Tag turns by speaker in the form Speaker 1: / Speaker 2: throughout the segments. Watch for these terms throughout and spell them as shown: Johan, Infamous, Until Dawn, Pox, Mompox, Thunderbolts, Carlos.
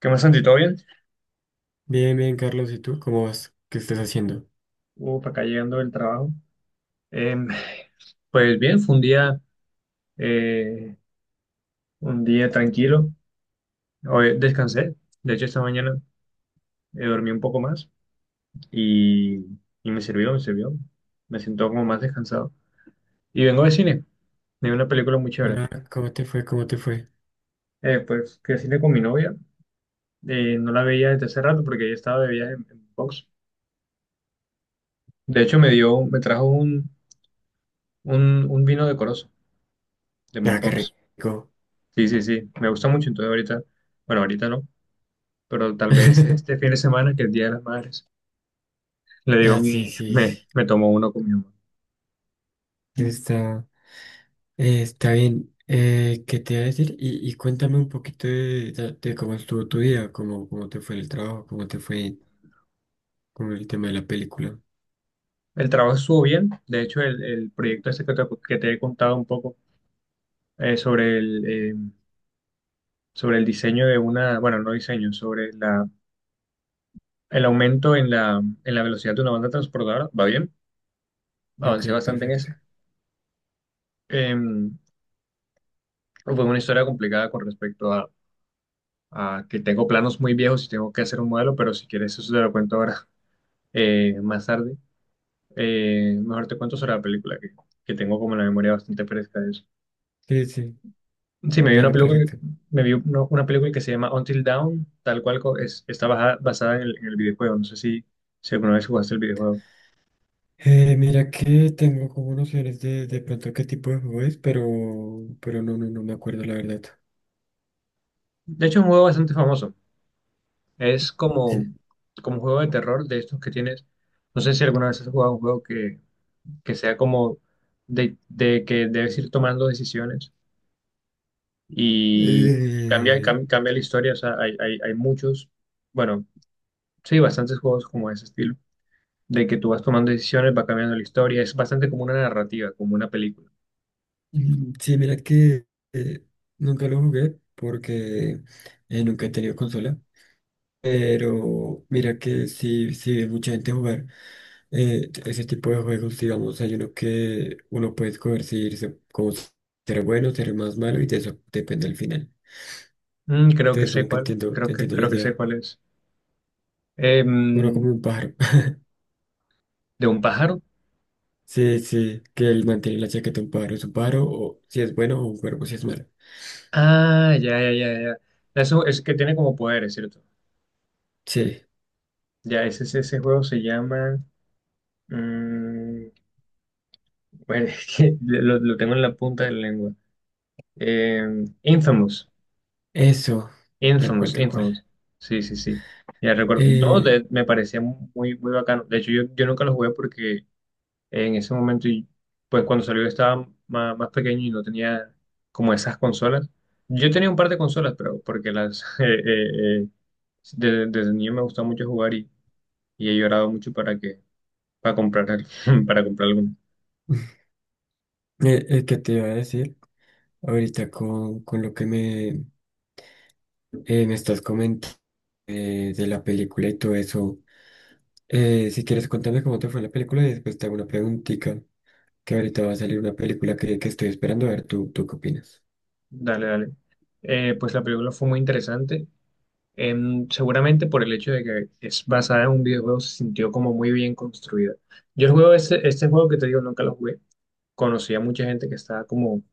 Speaker 1: ¿Qué más, Santi? ¿Todo bien?
Speaker 2: Bien, bien, Carlos, ¿y tú cómo vas? ¿Qué estás haciendo?
Speaker 1: Uf, acá llegando del trabajo. Em, pues bien, fue eh, un día tranquilo. Hoy descansé. De hecho, esta mañana dormí un poco más y, y me sirvió, me sirvió. Me siento como más descansado. Y vengo de cine. Vi una película muy chévere.
Speaker 2: Ah, ¿cómo te fue? ¿Cómo te fue?
Speaker 1: Pues fui al cine con mi novia. No la veía desde hace rato porque ella estaba de viaje en Pox. De hecho, me trajo un vino decoroso de
Speaker 2: Ah, qué
Speaker 1: Mompox.
Speaker 2: rico.
Speaker 1: Sí, sí, sí. Me gusta mucho. Entonces ahorita, bueno, ahorita no. Pero tal vez este fin de semana, que es el Día de las Madres, le digo a
Speaker 2: Ah, sí,
Speaker 1: mi,
Speaker 2: sí,
Speaker 1: me,
Speaker 2: sí.
Speaker 1: me tomo uno con mi mamá.
Speaker 2: Está, está bien. ¿Qué te iba a decir? Y cuéntame un poquito de cómo estuvo tu día, cómo, cómo te fue el trabajo, cómo te fue con el tema de la película.
Speaker 1: El trabajo estuvo bien. De hecho, el proyecto este que te he contado un poco eh, sobre el, eh, sobre el diseño de una, bueno, no diseño, sobre la, el aumento en la velocidad de una banda transportadora, va bien, avancé
Speaker 2: Ok,
Speaker 1: bastante en
Speaker 2: perfecto.
Speaker 1: ese. Em, Fue una historia complicada con respecto a que tengo planos muy viejos y tengo que hacer un modelo, pero si quieres eso te lo cuento ahora, más tarde. Mejor te cuento sobre la película, que tengo como la memoria bastante fresca de eso.
Speaker 2: Sí, sí,
Speaker 1: Sí, me vi una
Speaker 2: dale,
Speaker 1: película,
Speaker 2: perfecto.
Speaker 1: me vi una, una película que se llama Until Dawn, tal cual. Basada en el videojuego. No sé si alguna vez jugaste el videojuego.
Speaker 2: Mira que tengo como nociones de pronto qué tipo de juego es, pero no, no, no me acuerdo la verdad.
Speaker 1: De hecho, es un juego bastante famoso. Es como,
Speaker 2: Sí.
Speaker 1: como un juego de terror de estos que tienes. No sé si alguna vez has jugado un juego que sea como de que debes ir tomando decisiones y cambia,
Speaker 2: Eh,
Speaker 1: cam- cambia, la historia. O sea, hay muchos. Bueno, sí, bastantes juegos como ese estilo, de que tú vas tomando decisiones, va cambiando la historia, es bastante como una narrativa, como una película.
Speaker 2: Sí, mira que eh, nunca lo jugué porque nunca he tenido consola, pero mira que sí, sí vi mucha gente jugar, ese tipo de juegos, digamos, hay uno que uno puede escoger si irse como ser bueno, ser más malo y de eso depende el final.
Speaker 1: Mm,
Speaker 2: Entonces como que entiendo, entiendo la
Speaker 1: creo que sé
Speaker 2: idea.
Speaker 1: cuál es.
Speaker 2: Uno
Speaker 1: Em,
Speaker 2: como un pájaro.
Speaker 1: ¿De un pájaro?
Speaker 2: Sí, sí, que él mantiene la chaqueta un pájaro, es un pájaro, o si es bueno o un cuervo si es malo.
Speaker 1: Ah, ya, ya, ya, ya. Eso es que tiene como poderes, ¿cierto?
Speaker 2: Sí,
Speaker 1: Ya, ese, ese juego se llama... mm, bueno, es que lo tengo en la punta de la lengua. Infamous,
Speaker 2: eso, tal cual,
Speaker 1: Infamous,
Speaker 2: tal cual.
Speaker 1: Infamous. Sí, sí, sí. Ya recuerdo. No,
Speaker 2: Eh,
Speaker 1: me parecía muy, muy bacano. De hecho, yo nunca lo jugué porque... en ese momento, y pues cuando salió yo estaba más pequeño y no tenía como esas consolas. Yo tenía un par de consolas, pero porque las desde niño me gustaba mucho jugar y he llorado mucho para comprar para comprar alguna.
Speaker 2: ¿Qué te iba a decir? Ahorita con lo que me, me estás comentando, de la película y todo eso, si quieres contarme cómo te fue la película y después te hago una preguntita, que ahorita va a salir una película que estoy esperando, a ver, ¿tú, tú qué opinas?
Speaker 1: Dale, dale. Pues la película fue muy interesante. Seguramente por el hecho de que es basada en un videojuego, se sintió como muy bien construida. Yo el juego, este juego que te digo, nunca lo jugué. Conocí a mucha gente que estaba como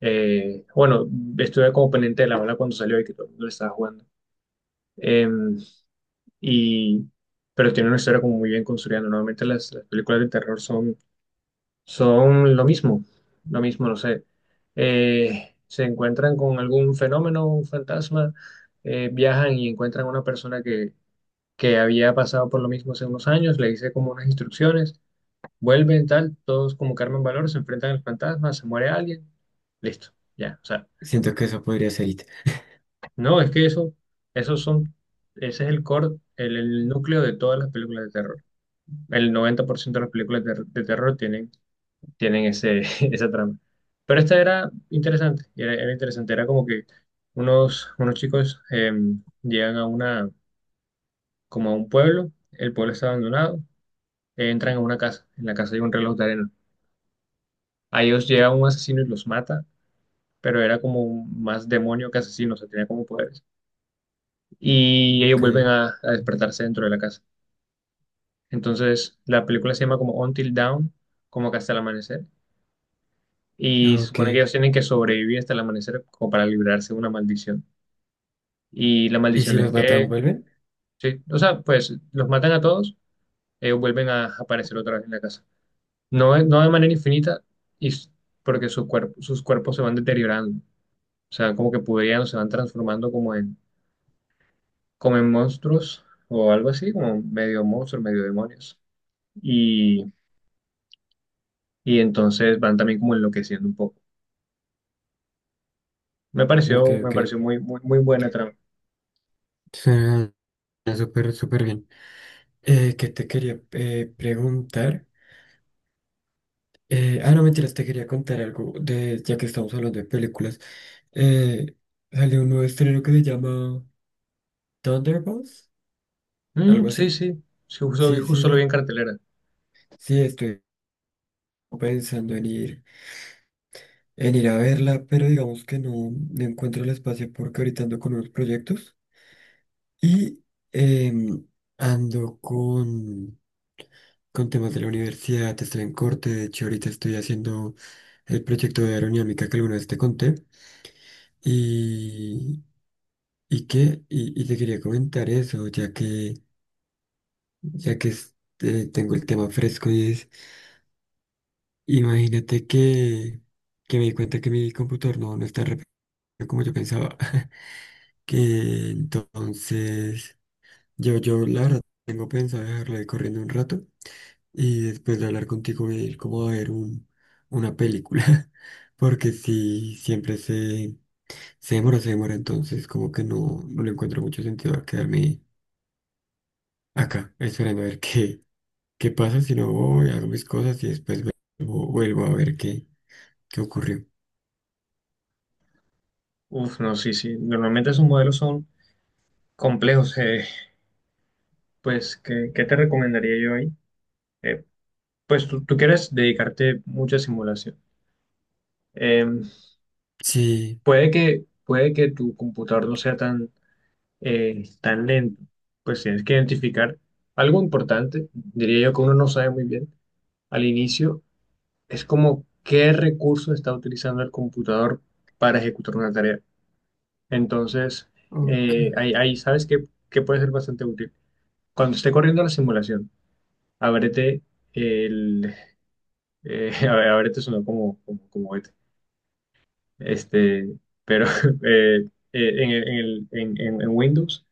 Speaker 1: Eh, bueno, estuve como pendiente de la ola cuando salió y que todo el mundo le estaba jugando. Eh, y, pero tiene una historia como muy bien construida, ¿no? Normalmente las películas de terror son lo mismo, no sé. Se encuentran con algún fenómeno, un fantasma, viajan y encuentran a una persona que había pasado por lo mismo hace unos años, le dice como unas instrucciones, vuelven, tal, todos como carmen valor, se enfrentan al fantasma, se muere alguien, listo, ya, o sea.
Speaker 2: Siento que eso podría ser IT.
Speaker 1: No, es que esos son, ese es el core, el núcleo de todas las películas de terror. El 90% de las películas de terror tienen esa trama. Pero esta era interesante, era interesante, era como que unos chicos llegan como a un pueblo, el pueblo está abandonado, entran a una casa, en la casa hay un reloj de arena. A ellos llega un asesino y los mata, pero era como más demonio que asesino, o sea, tenía como poderes. Y ellos
Speaker 2: Ok,
Speaker 1: vuelven a despertarse dentro de la casa. Entonces, la película se llama como Until Dawn, como que hasta el amanecer. Y
Speaker 2: ah,
Speaker 1: se
Speaker 2: ok.
Speaker 1: supone que ellos tienen que sobrevivir hasta el amanecer como para librarse de una maldición. Y la
Speaker 2: ¿Y si
Speaker 1: maldición es
Speaker 2: los matan,
Speaker 1: que,
Speaker 2: vuelven?
Speaker 1: sí, o sea, pues los matan a todos, ellos vuelven a aparecer otra vez en la casa. No, no de manera infinita, y, s- porque sus cuerpos se van deteriorando. O sea, como que podrían, se van transformando como en monstruos o algo así, como medio monstruos, medio demonios. Y, y entonces van también como enloqueciendo un poco. Me
Speaker 2: Ok,
Speaker 1: pareció, me
Speaker 2: ok.
Speaker 1: pareció muy, muy, muy buena trama.
Speaker 2: Suena, suena súper, súper bien. ¿Qué te quería preguntar? Ah, no, mentiras, te quería contar algo de, ya que estamos hablando de películas. Eh, Salió un nuevo estreno que se llama Thunderbolts,
Speaker 1: Mm,
Speaker 2: algo
Speaker 1: sí,
Speaker 2: así.
Speaker 1: sí, sí, justo,
Speaker 2: Sí,
Speaker 1: justo lo vi en
Speaker 2: sí,
Speaker 1: cartelera.
Speaker 2: sí, estoy pensando en ir a verla, pero digamos que no, no encuentro el espacio porque ahorita ando con unos proyectos y em, ando con temas de la universidad, estoy en corte, de hecho ahorita estoy haciendo el proyecto de aerodinámica que alguna vez te conté y, y qué, y te quería comentar eso, ya que es- tengo el tema fresco y es, imagínate que me di cuenta que mi computador no, no está rápido como yo pensaba, que entonces yo la verdad tengo pensado dejarlo ahí corriendo un rato y después de hablar contigo voy a ir como a ver un, una película, porque si siempre se, se demora, entonces como que no, no le encuentro mucho sentido a quedarme acá esperando a ver qué. ¿Qué pasa si no voy, hago mis cosas y después vuelvo, vuelvo a ver qué, qué ocurrió?
Speaker 1: Uf, no, sí, sí. Normalmente esos modelos son complejos. Pues, ¿qué te recomendaría yo ahí? Eh, pues tú quieres dedicarte mucha simulación. Eh,
Speaker 2: Sí,
Speaker 1: puede que tu computador no sea tan lento. Pues tienes que identificar algo importante, diría yo que uno no sabe muy bien. Al inicio, es como qué recurso está utilizando el computador para ejecutar una tarea. Entonces,
Speaker 2: ok,
Speaker 1: ahí sabes que puede ser bastante útil. Cuando esté corriendo la simulación, ábrete el... a ver, ábrete sonó como beta. Este, pero en Windows,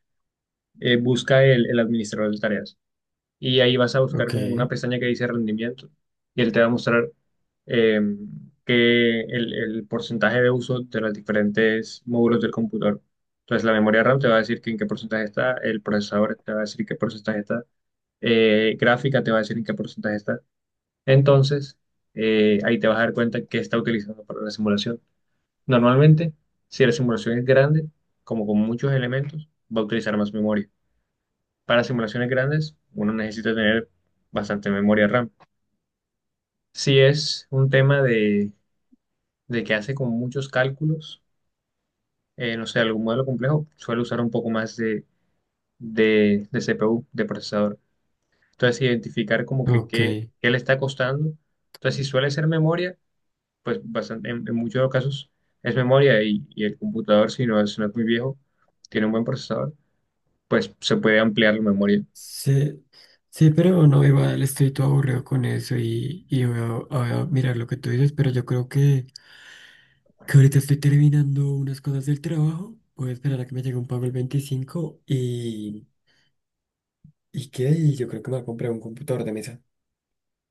Speaker 1: busca el administrador de tareas. Y ahí vas a buscar
Speaker 2: ok,
Speaker 1: como una pestaña que dice rendimiento y él te va a mostrar eh, que el porcentaje de uso de los diferentes módulos del computador. Entonces la memoria RAM te va a decir que en qué porcentaje está, el procesador te va a decir qué porcentaje está, gráfica te va a decir en qué porcentaje está. Entonces ahí te vas a dar cuenta qué está utilizando para la simulación. Normalmente, si la simulación es grande, como con muchos elementos, va a utilizar más memoria. Para simulaciones grandes uno necesita tener bastante memoria RAM. Si es un tema de que hace con muchos cálculos, no sé, algún modelo complejo suele usar un poco más de CPU, de procesador. Entonces, sí, identificar como que
Speaker 2: ok.
Speaker 1: qué, qué le está costando. Entonces, si suele ser memoria, pues bastante, en muchos de los casos es memoria y el computador, si no, si no es muy viejo, tiene un buen procesador, pues se puede ampliar la memoria.
Speaker 2: Sí, sí, pero no, igual estoy todo aburrido con eso y voy a, voy a mirar lo que tú dices, pero yo creo que ahorita estoy terminando unas cosas del trabajo. Voy a esperar a que me llegue un pago el 25 ¿y qué? Y yo creo que me voy a comprar un computador de mesa.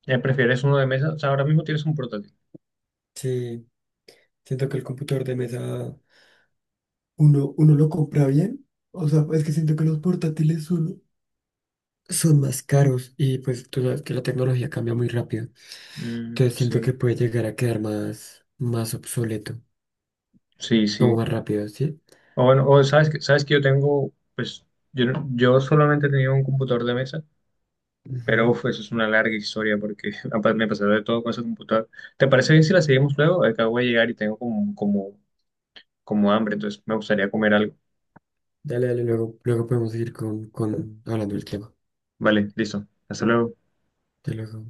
Speaker 1: ¿Prefieres uno de mesa? O sea, ahora mismo tienes un portátil.
Speaker 2: Sí, siento que el computador de mesa uno, uno lo compra bien. O sea, es que siento que los portátiles son, son más caros y pues tú sabes que la tecnología cambia muy rápido.
Speaker 1: Mm,
Speaker 2: Entonces siento
Speaker 1: sí.
Speaker 2: que puede llegar a quedar más, más obsoleto,
Speaker 1: Sí,
Speaker 2: como
Speaker 1: sí.
Speaker 2: más rápido, ¿sí?
Speaker 1: O bueno, o sabes que yo tengo, pues, yo, no- yo solamente tenía un computador de mesa, pero
Speaker 2: Ujú.
Speaker 1: uf, eso es una larga historia porque me pasó de todo con ese computador. ¿Te parece bien si la seguimos luego? Acabo de llegar y tengo como hambre, entonces me gustaría comer algo.
Speaker 2: Dale, dale, luego, luego podemos seguir con hablando del tema.
Speaker 1: Vale, listo. Hasta luego.
Speaker 2: Hasta luego.